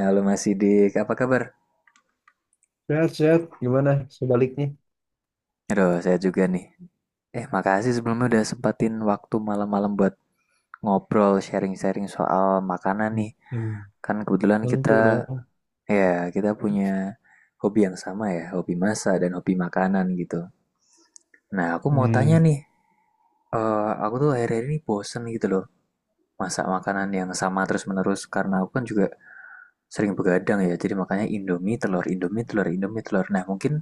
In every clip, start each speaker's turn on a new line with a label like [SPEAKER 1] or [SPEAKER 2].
[SPEAKER 1] Halo Mas Sidik, apa kabar?
[SPEAKER 2] Sehat-sehat, gimana sebaliknya?
[SPEAKER 1] Aduh, saya juga nih. Makasih sebelumnya udah sempatin waktu malam-malam buat ngobrol, sharing-sharing soal makanan nih.
[SPEAKER 2] Hmm.
[SPEAKER 1] Kan kebetulan
[SPEAKER 2] Tentu
[SPEAKER 1] kita,
[SPEAKER 2] dong.
[SPEAKER 1] ya, kita punya hobi yang sama ya, hobi masak dan hobi makanan gitu. Nah, aku mau tanya
[SPEAKER 2] Hmm.
[SPEAKER 1] nih, aku tuh akhir-akhir ini bosen gitu loh masak makanan yang sama terus-menerus karena aku kan juga sering begadang ya jadi makanya Indomie telur Indomie telur Indomie telur nah mungkin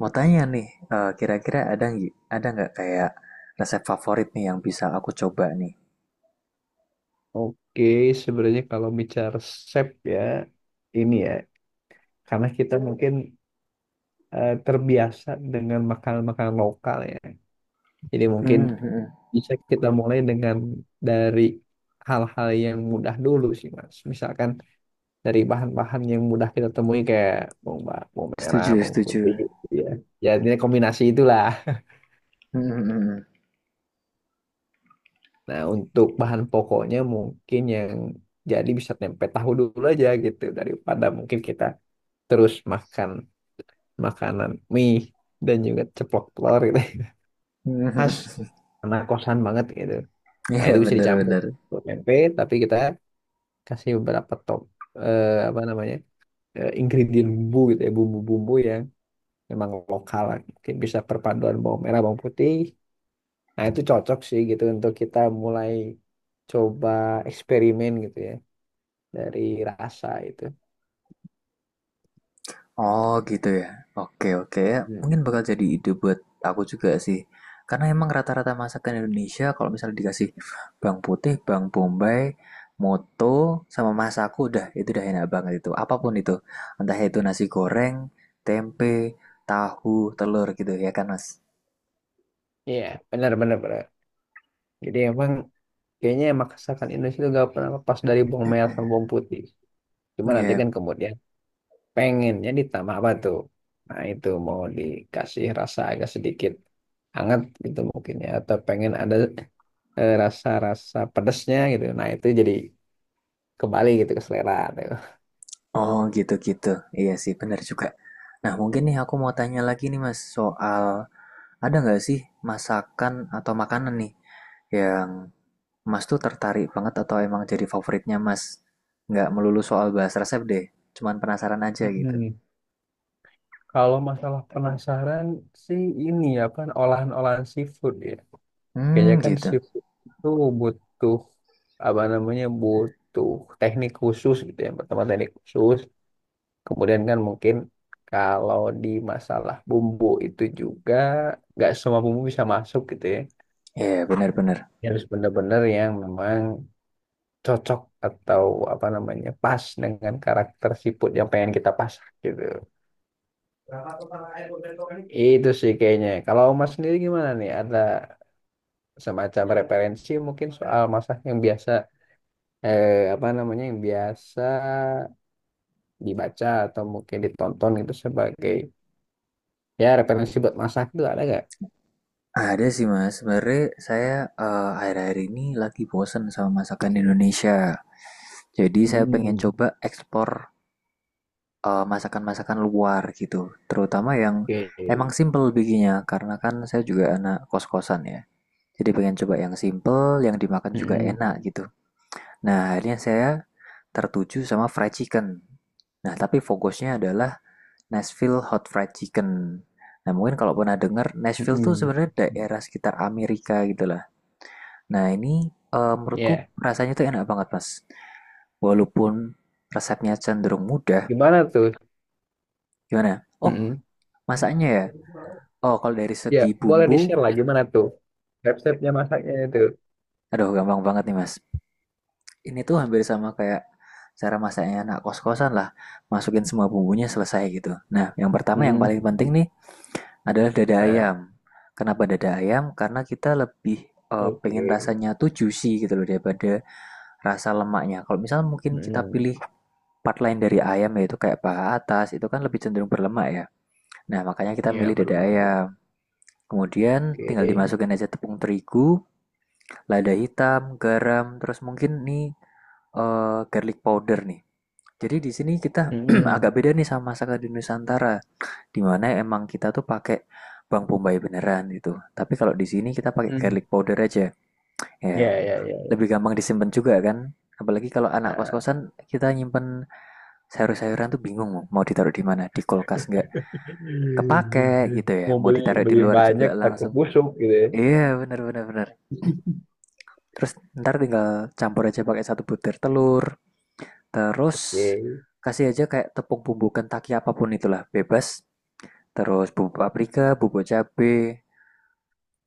[SPEAKER 1] mau tanya nih, kira-kira ada nggak kayak resep favorit nih yang bisa aku coba nih?
[SPEAKER 2] Oke, sebenarnya kalau bicara resep ya, ini ya, karena kita mungkin terbiasa dengan makanan-makanan lokal ya. Jadi mungkin
[SPEAKER 1] Hmm, hmm, hmm.
[SPEAKER 2] bisa kita mulai dengan dari hal-hal yang mudah dulu sih, Mas. Misalkan dari bahan-bahan yang mudah kita temui kayak bawang, bawang merah,
[SPEAKER 1] Setuju,
[SPEAKER 2] bawang
[SPEAKER 1] setuju.
[SPEAKER 2] putih, gitu ya. Ya, ini kombinasi itulah.
[SPEAKER 1] Hmm, hmm,
[SPEAKER 2] Nah, untuk bahan pokoknya mungkin yang jadi bisa tempe tahu dulu aja gitu daripada mungkin kita terus makan makanan mie dan juga ceplok telur gitu.
[SPEAKER 1] hmm,
[SPEAKER 2] Khas
[SPEAKER 1] hmm.
[SPEAKER 2] anak kosan banget gitu. Nah,
[SPEAKER 1] Iya,
[SPEAKER 2] itu bisa dicampur
[SPEAKER 1] bener-bener.
[SPEAKER 2] ke tempe tapi kita kasih beberapa top apa namanya? Ingredient bumbu gitu ya, bumbu-bumbu yang memang lokal lah. Mungkin bisa perpaduan bawang merah, bawang putih. Nah, itu cocok sih gitu untuk kita mulai coba eksperimen gitu ya, dari rasa itu.
[SPEAKER 1] Oh gitu ya. Oke, oke.
[SPEAKER 2] Hmm.
[SPEAKER 1] Mungkin bakal jadi ide buat aku juga sih. Karena emang rata-rata masakan Indonesia kalau misalnya dikasih bawang putih, bawang bombay, moto, sama masaku udah itu udah enak banget itu. Apapun itu. Entah itu nasi goreng, tempe, tahu, telur gitu ya kan Mas.
[SPEAKER 2] Iya, benar benar benar. Jadi emang kayaknya masakan Indonesia itu gak pernah lepas dari bawang merah sama bawang putih. Cuma nanti
[SPEAKER 1] Iya.
[SPEAKER 2] kan kemudian pengennya ditambah apa tuh? Nah itu mau dikasih rasa agak sedikit hangat gitu mungkin ya. Atau pengen ada rasa-rasa pedesnya gitu. Nah itu jadi kembali gitu ke selera tuh.
[SPEAKER 1] Oh gitu-gitu. Iya sih benar juga. Nah, mungkin nih aku mau tanya lagi nih Mas soal ada nggak sih masakan atau makanan nih yang Mas tuh tertarik banget atau emang jadi favoritnya Mas? Nggak melulu soal bahas resep deh, cuman penasaran aja gitu.
[SPEAKER 2] Mm-mm. Kalau masalah penasaran sih ini ya, kan olahan-olahan seafood ya. Kayaknya
[SPEAKER 1] Hmm,
[SPEAKER 2] kan
[SPEAKER 1] gitu.
[SPEAKER 2] seafood itu butuh apa namanya butuh teknik khusus gitu ya. Pertama teknik khusus, kemudian kan mungkin kalau di masalah bumbu itu juga nggak semua bumbu bisa masuk gitu ya.
[SPEAKER 1] Ya, bener-bener.
[SPEAKER 2] Ya, harus benar-benar yang memang cocok atau apa namanya pas dengan karakter seafood yang pengen kita pasak gitu. Itu sih kayaknya. Kalau Mas sendiri gimana nih? Ada semacam referensi mungkin soal masak yang biasa apa namanya yang biasa dibaca atau mungkin ditonton gitu sebagai ya referensi buat masak itu ada nggak?
[SPEAKER 1] Ada sih mas, sebenarnya saya akhir-akhir ini lagi bosen sama masakan Indonesia. Jadi saya pengen
[SPEAKER 2] Hmm,
[SPEAKER 1] coba ekspor masakan-masakan luar gitu. Terutama yang emang
[SPEAKER 2] oke.
[SPEAKER 1] simple bikinnya, karena kan saya juga anak kos-kosan ya. Jadi pengen coba yang simple, yang dimakan juga
[SPEAKER 2] Mm-mm.
[SPEAKER 1] enak gitu. Nah, akhirnya saya tertuju sama fried chicken. Nah, tapi fokusnya adalah Nashville Hot Fried Chicken. Nah, mungkin kalau pernah dengar, Nashville tuh
[SPEAKER 2] Mm-mm.
[SPEAKER 1] sebenarnya daerah sekitar Amerika gitu lah. Nah, ini menurutku
[SPEAKER 2] Ya,
[SPEAKER 1] rasanya tuh enak banget, Mas. Walaupun resepnya cenderung mudah,
[SPEAKER 2] gimana tuh?
[SPEAKER 1] gimana? Oh,
[SPEAKER 2] Mm-mm.
[SPEAKER 1] masaknya ya? Oh, kalau dari
[SPEAKER 2] Ya,
[SPEAKER 1] segi
[SPEAKER 2] boleh
[SPEAKER 1] bumbu,
[SPEAKER 2] di-share lah gimana tuh resepnya masaknya itu.
[SPEAKER 1] aduh gampang banget nih, Mas. Ini tuh hampir sama kayak cara masaknya anak kos-kosan lah. Masukin semua bumbunya selesai gitu. Nah, yang pertama yang
[SPEAKER 2] Mm.
[SPEAKER 1] paling penting nih, adalah dada
[SPEAKER 2] Nah,
[SPEAKER 1] ayam. Kenapa dada ayam? Karena kita lebih, pengen
[SPEAKER 2] oke.
[SPEAKER 1] rasanya tuh juicy gitu loh daripada rasa lemaknya. Kalau misal mungkin kita
[SPEAKER 2] Mm.
[SPEAKER 1] pilih part lain dari ayam yaitu kayak paha atas, itu kan lebih cenderung berlemak ya. Nah, makanya kita
[SPEAKER 2] Ya,
[SPEAKER 1] milih
[SPEAKER 2] belum
[SPEAKER 1] dada
[SPEAKER 2] belum.
[SPEAKER 1] ayam.
[SPEAKER 2] Belum.
[SPEAKER 1] Kemudian tinggal
[SPEAKER 2] Oke.
[SPEAKER 1] dimasukin aja tepung terigu, lada hitam, garam, terus mungkin nih, garlic powder nih. Jadi di sini kita agak
[SPEAKER 2] Mm-mm.
[SPEAKER 1] beda nih sama masakan di Nusantara dimana emang kita tuh pakai bawang bombay beneran gitu. Tapi kalau di sini kita pakai
[SPEAKER 2] Mm.
[SPEAKER 1] garlic powder aja.
[SPEAKER 2] Ya,
[SPEAKER 1] Ya,
[SPEAKER 2] ya,
[SPEAKER 1] lebih gampang disimpan juga kan. Apalagi kalau anak
[SPEAKER 2] ya.
[SPEAKER 1] kos-kosan kita nyimpen sayur-sayuran tuh bingung mau ditaruh di mana. Di kulkas nggak kepake gitu ya.
[SPEAKER 2] Mau
[SPEAKER 1] Mau
[SPEAKER 2] beli
[SPEAKER 1] ditaruh di
[SPEAKER 2] beli
[SPEAKER 1] luar
[SPEAKER 2] banyak
[SPEAKER 1] juga
[SPEAKER 2] takut
[SPEAKER 1] langsung.
[SPEAKER 2] busuk gitu ya.
[SPEAKER 1] Iya, bener bener bener. Terus ntar tinggal campur aja pakai satu butir telur. Terus
[SPEAKER 2] Oke.
[SPEAKER 1] kasih aja kayak tepung bumbu Kentucky apapun itulah, bebas. Terus bumbu paprika, bubuk cabai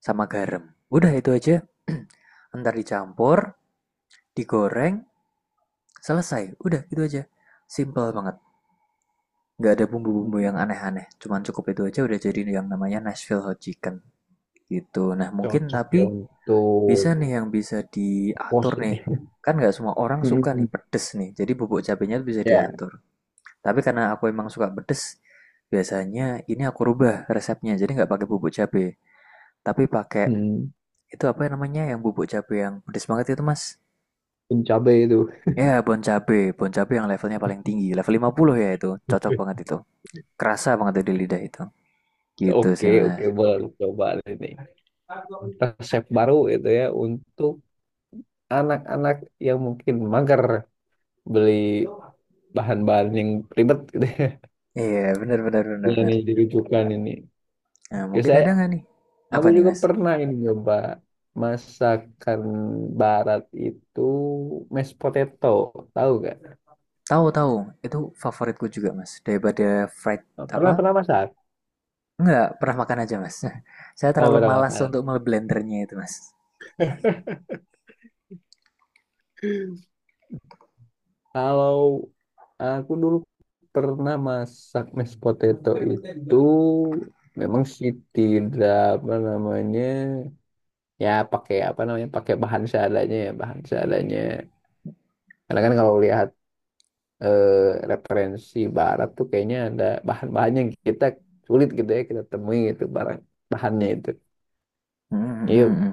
[SPEAKER 1] sama garam. Udah itu aja. Ntar dicampur, digoreng, selesai. Udah itu aja. Simple banget. Nggak ada bumbu-bumbu yang aneh-aneh. Cuman cukup itu aja udah jadi yang namanya Nashville Hot Chicken. Gitu. Nah mungkin
[SPEAKER 2] Cocok ya
[SPEAKER 1] tapi bisa
[SPEAKER 2] untuk
[SPEAKER 1] nih yang bisa diatur
[SPEAKER 2] pos
[SPEAKER 1] nih.
[SPEAKER 2] ini.
[SPEAKER 1] Kan nggak semua orang suka nih pedes nih. Jadi bubuk cabenya tuh bisa
[SPEAKER 2] Ya.
[SPEAKER 1] diatur. Tapi karena aku emang suka pedes, biasanya ini aku rubah resepnya. Jadi nggak pakai bubuk cabe. Tapi pakai
[SPEAKER 2] Hmm.
[SPEAKER 1] itu apa namanya yang bubuk cabe yang pedes banget itu mas?
[SPEAKER 2] Pun cabai itu.
[SPEAKER 1] Ya, bon cabe yang levelnya paling tinggi, level 50 ya itu, cocok banget itu. Kerasa banget tuh di lidah itu. Gitu sih,
[SPEAKER 2] Oke,
[SPEAKER 1] Mas.
[SPEAKER 2] oke, boleh coba ini. Resep baru itu ya untuk anak-anak yang mungkin mager beli bahan-bahan yang ribet gitu ya.
[SPEAKER 1] Iya, benar benar benar benar.
[SPEAKER 2] Ini dirujukan ini.
[SPEAKER 1] Nah,
[SPEAKER 2] Oke,
[SPEAKER 1] mungkin
[SPEAKER 2] saya
[SPEAKER 1] ada nggak nih? Apa
[SPEAKER 2] aku
[SPEAKER 1] nih,
[SPEAKER 2] juga
[SPEAKER 1] Mas?
[SPEAKER 2] pernah ini coba masakan barat itu mashed potato, tahu gak?
[SPEAKER 1] Tahu, tahu, itu favoritku juga, Mas. Daripada fried apa?
[SPEAKER 2] Pernah pernah masak?
[SPEAKER 1] Nggak, pernah makan aja, Mas. Saya
[SPEAKER 2] Oh
[SPEAKER 1] terlalu
[SPEAKER 2] pernah
[SPEAKER 1] malas
[SPEAKER 2] makan.
[SPEAKER 1] untuk memblendernya itu, Mas.
[SPEAKER 2] Kalau aku dulu pernah masak mashed potato itu memang sih tidak apa namanya ya pakai apa namanya pakai bahan seadanya ya bahan seadanya. Karena kan kalau lihat eh, referensi barat tuh kayaknya ada bahan bahannya yang kita sulit gitu ya kita temui gitu barang bahannya itu.
[SPEAKER 1] Hmm, hmm,
[SPEAKER 2] Yuk,
[SPEAKER 1] hmm, hmm.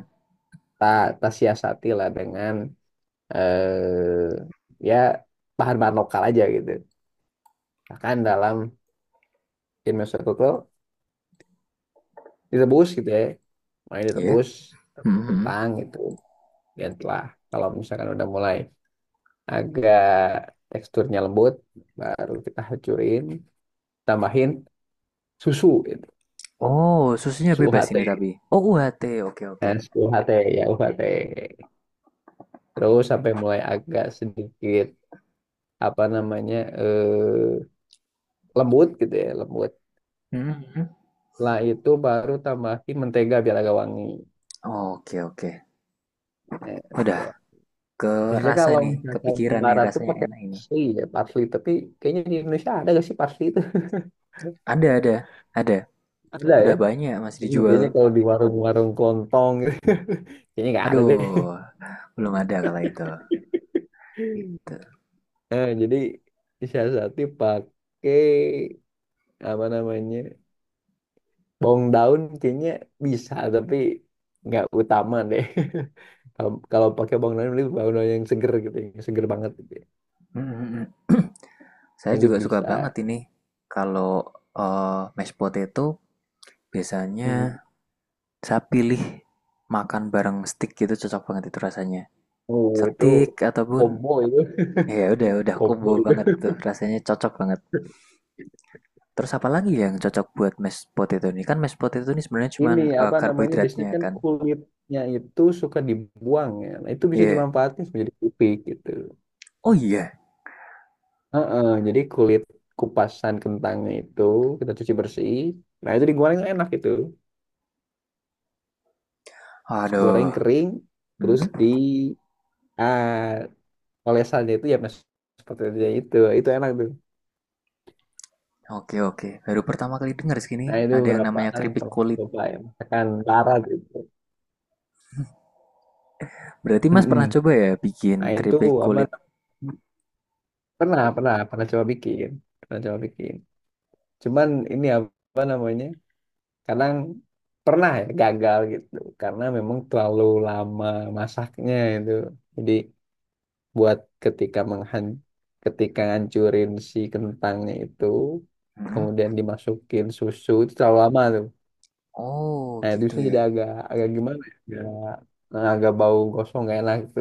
[SPEAKER 2] ta ta siasati lah dengan eh ya bahan-bahan lokal aja gitu. Bahkan dalam in itu tuh direbus gitu ya, mulai
[SPEAKER 1] Iya.
[SPEAKER 2] direbus
[SPEAKER 1] Hmm, hmm, hmm.
[SPEAKER 2] kentang gitu. Dan telah kalau misalkan udah mulai agak teksturnya lembut, baru kita hancurin, tambahin susu gitu,
[SPEAKER 1] Oh, susunya
[SPEAKER 2] susu
[SPEAKER 1] bebas
[SPEAKER 2] UHT.
[SPEAKER 1] ini tapi. Oh, UHT. Oke, oke.
[SPEAKER 2] Tes UHT ya UHT. Terus sampai mulai agak sedikit apa namanya lembut gitu ya lembut.
[SPEAKER 1] Hmm, hmm, hmm.
[SPEAKER 2] Setelah itu baru tambahin mentega biar agak wangi.
[SPEAKER 1] Oke, oke.
[SPEAKER 2] Eh,
[SPEAKER 1] Udah
[SPEAKER 2] Agak wangi.
[SPEAKER 1] ke
[SPEAKER 2] Biasanya
[SPEAKER 1] rasa
[SPEAKER 2] kalau
[SPEAKER 1] nih,
[SPEAKER 2] misalkan
[SPEAKER 1] kepikiran nih
[SPEAKER 2] barat tuh
[SPEAKER 1] rasanya
[SPEAKER 2] pakai
[SPEAKER 1] enak ini.
[SPEAKER 2] parsley ya parsley. Tapi kayaknya di Indonesia ada gak sih parsley itu?
[SPEAKER 1] Ada, ada.
[SPEAKER 2] Ada ya.
[SPEAKER 1] Udah banyak masih
[SPEAKER 2] Cuma kayaknya
[SPEAKER 1] dijual.
[SPEAKER 2] kalau di warung-warung kelontong gitu. Kayaknya nggak ada deh.
[SPEAKER 1] Aduh, belum ada kalau itu. Gitu.
[SPEAKER 2] Jadi disiasati pakai apa namanya? Bawang daun kayaknya bisa, tapi nggak utama deh. Kalau kalau pakai bawang daun, lebih bawang daun yang seger gitu, yang seger banget gitu ya.
[SPEAKER 1] Mm, mm, mm. Saya
[SPEAKER 2] Itu
[SPEAKER 1] juga suka
[SPEAKER 2] bisa.
[SPEAKER 1] banget ini kalau mashed potato
[SPEAKER 2] Hmm.
[SPEAKER 1] biasanya saya pilih makan bareng steak gitu cocok banget itu rasanya.
[SPEAKER 2] Oh, itu
[SPEAKER 1] Steak ataupun
[SPEAKER 2] combo itu,
[SPEAKER 1] ya udah
[SPEAKER 2] combo
[SPEAKER 1] combo
[SPEAKER 2] itu.
[SPEAKER 1] banget tuh rasanya cocok banget. Terus apa lagi yang cocok buat mashed potato ini? Kan mashed potato ini sebenarnya cuma
[SPEAKER 2] Ini apa namanya? Biasanya
[SPEAKER 1] karbohidratnya
[SPEAKER 2] kan
[SPEAKER 1] kan.
[SPEAKER 2] kulitnya itu suka dibuang ya. Nah, itu
[SPEAKER 1] Iya.
[SPEAKER 2] bisa
[SPEAKER 1] Yeah.
[SPEAKER 2] dimanfaatkan menjadi kupik gitu.
[SPEAKER 1] Oh iya.
[SPEAKER 2] Heeh, jadi kulit kupasan kentangnya itu kita cuci bersih. Nah, itu digoreng enak itu. Terus goreng
[SPEAKER 1] Aduh.
[SPEAKER 2] kering
[SPEAKER 1] Hmm,
[SPEAKER 2] terus di ah, olesannya itu ya mas seperti itu ya itu enak tuh,
[SPEAKER 1] oke oke. Baru pertama kali dengar segini
[SPEAKER 2] nah itu
[SPEAKER 1] ada yang
[SPEAKER 2] beberapa
[SPEAKER 1] namanya
[SPEAKER 2] hal yang
[SPEAKER 1] keripik
[SPEAKER 2] pernah aku
[SPEAKER 1] kulit.
[SPEAKER 2] coba ya makan karat itu.
[SPEAKER 1] Berarti Mas pernah
[SPEAKER 2] Mm-mm.
[SPEAKER 1] coba ya
[SPEAKER 2] Nah
[SPEAKER 1] bikin
[SPEAKER 2] itu
[SPEAKER 1] keripik
[SPEAKER 2] apa
[SPEAKER 1] kulit?
[SPEAKER 2] pernah pernah pernah coba bikin, pernah coba bikin cuman ini apa namanya kadang pernah ya gagal gitu karena memang terlalu lama masaknya itu jadi buat ketika menghan ketika ngancurin si kentangnya itu
[SPEAKER 1] Hmm?
[SPEAKER 2] kemudian dimasukin susu itu terlalu lama tuh.
[SPEAKER 1] Oh,
[SPEAKER 2] Nah, itu
[SPEAKER 1] gitu
[SPEAKER 2] terusnya
[SPEAKER 1] ya.
[SPEAKER 2] jadi agak agak gimana ya? Agak, nah, agak bau gosong gak enak gitu.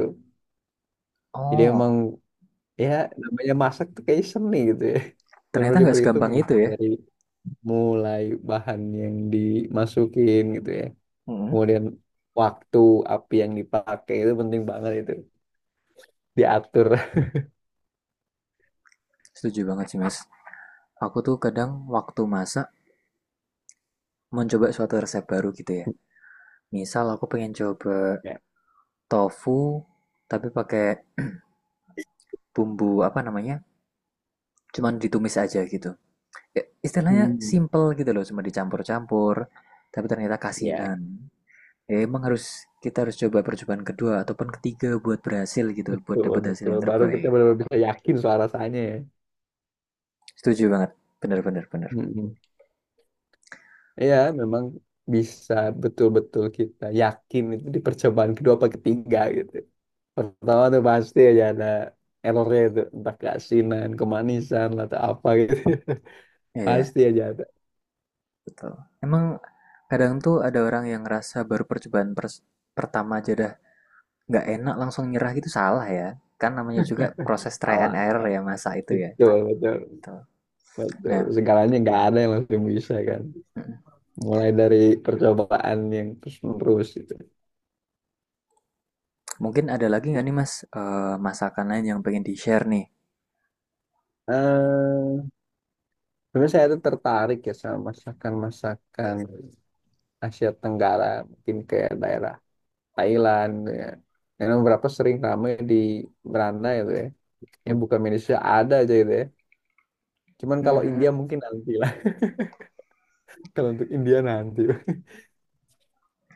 [SPEAKER 2] Jadi emang
[SPEAKER 1] Oh,
[SPEAKER 2] ya namanya masak tuh kayak seni gitu ya.
[SPEAKER 1] ternyata
[SPEAKER 2] Benar-benar
[SPEAKER 1] nggak segampang
[SPEAKER 2] diperhitungin
[SPEAKER 1] itu ya.
[SPEAKER 2] dari mulai bahan yang dimasukin gitu ya.
[SPEAKER 1] Hmm,
[SPEAKER 2] Kemudian waktu api yang dipakai itu penting banget itu diatur.
[SPEAKER 1] setuju banget sih Mas. Aku tuh kadang waktu masak mencoba suatu resep baru gitu ya. Misal aku pengen coba
[SPEAKER 2] Ya.
[SPEAKER 1] tofu tapi pakai bumbu apa namanya? Cuman ditumis aja gitu. Ya, istilahnya
[SPEAKER 2] Hmm.
[SPEAKER 1] simple gitu loh, cuma dicampur-campur, tapi ternyata
[SPEAKER 2] Ya.
[SPEAKER 1] kasinan. Ya, emang harus kita harus coba percobaan kedua ataupun ketiga buat berhasil gitu, buat
[SPEAKER 2] Betul,
[SPEAKER 1] dapat hasil
[SPEAKER 2] betul.
[SPEAKER 1] yang
[SPEAKER 2] Baru kita
[SPEAKER 1] terbaik.
[SPEAKER 2] benar-benar bisa yakin soal rasanya ya.
[SPEAKER 1] Setuju banget, bener-bener bener.
[SPEAKER 2] Mm-mm. Ya, memang bisa betul-betul kita yakin itu di percobaan kedua apa ketiga gitu. Pertama tuh pasti aja ada errornya itu. Entah keasinan, kemanisan, atau apa gitu.
[SPEAKER 1] Iya, iya,
[SPEAKER 2] Pasti aja ada.
[SPEAKER 1] betul. Emang kadang tuh ada orang yang ngerasa baru pertama aja dah nggak enak langsung nyerah gitu salah ya. Kan namanya juga proses try
[SPEAKER 2] Salah,
[SPEAKER 1] and error
[SPEAKER 2] salah.
[SPEAKER 1] ya masa itu ya.
[SPEAKER 2] Betul,
[SPEAKER 1] Betul.
[SPEAKER 2] betul.
[SPEAKER 1] Nah,
[SPEAKER 2] Segalanya nggak ada yang langsung bisa kan.
[SPEAKER 1] mm,
[SPEAKER 2] Mulai dari percobaan yang terus-menerus gitu.
[SPEAKER 1] mungkin ada lagi nggak nih Mas masakan lain yang pengen di-share
[SPEAKER 2] eh Sebenarnya saya tuh tertarik ya sama masakan-masakan Asia Tenggara. Mungkin kayak daerah Thailand gitu ya. Karena beberapa sering ramai di beranda gitu ya. Yang bukan Indonesia ada aja gitu ya. Cuman
[SPEAKER 1] nih?
[SPEAKER 2] kalau India mungkin nanti lah. Kalau untuk India nanti.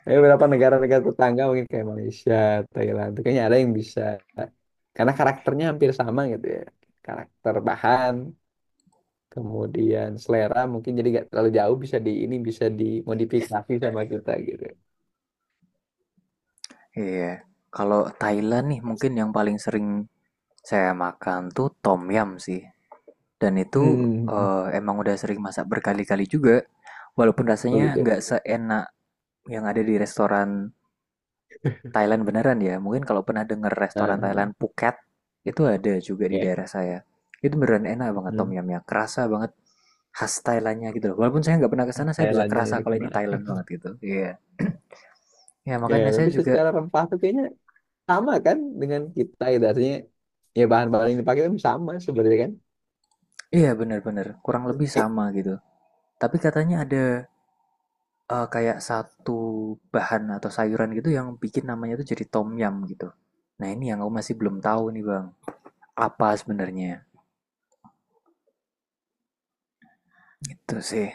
[SPEAKER 2] Ada beberapa negara-negara tetangga mungkin kayak Malaysia, Thailand, itu kayaknya ada yang bisa. Karena karakternya hampir sama gitu ya. Karakter bahan, kemudian selera mungkin jadi gak terlalu jauh bisa di ini bisa dimodifikasi sama kita gitu.
[SPEAKER 1] Iya. Kalau Thailand nih mungkin yang paling sering saya makan tuh tom yum sih. Dan itu
[SPEAKER 2] Hmm,
[SPEAKER 1] emang udah sering masak berkali-kali juga. Walaupun
[SPEAKER 2] oh
[SPEAKER 1] rasanya
[SPEAKER 2] gitu ya?
[SPEAKER 1] nggak seenak yang ada di restoran Thailand beneran ya. Mungkin kalau pernah denger restoran Thailand
[SPEAKER 2] Nah,
[SPEAKER 1] Phuket itu ada juga di
[SPEAKER 2] ya.
[SPEAKER 1] daerah saya. Itu beneran enak banget tom
[SPEAKER 2] Hmm.
[SPEAKER 1] yumnya. Kerasa banget khas Thailandnya gitu loh. Walaupun saya nggak pernah ke sana, saya bisa
[SPEAKER 2] Thailandnya
[SPEAKER 1] kerasa
[SPEAKER 2] itu
[SPEAKER 1] kalau ini
[SPEAKER 2] gimana?
[SPEAKER 1] Thailand banget gitu. Iya. Ya
[SPEAKER 2] Ya,
[SPEAKER 1] makanya saya
[SPEAKER 2] tapi
[SPEAKER 1] juga
[SPEAKER 2] secara rempah tuh kayaknya sama kan dengan kita gitu. Artinya ya bahan-bahan yang dipakai kan sama sebenarnya kan.
[SPEAKER 1] iya bener-bener kurang lebih sama gitu. Tapi katanya ada kayak satu bahan atau sayuran gitu yang bikin namanya tuh jadi tom yum gitu. Nah ini yang aku masih belum tahu nih bang, apa sebenarnya itu sih.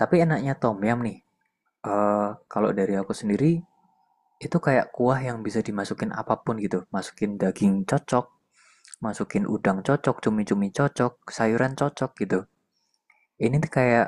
[SPEAKER 1] Tapi enaknya tom yum nih, eh, kalau dari aku sendiri itu kayak kuah yang bisa dimasukin apapun gitu. Masukin daging cocok, masukin udang cocok, cumi-cumi cocok, sayuran cocok gitu. Ini tuh kayak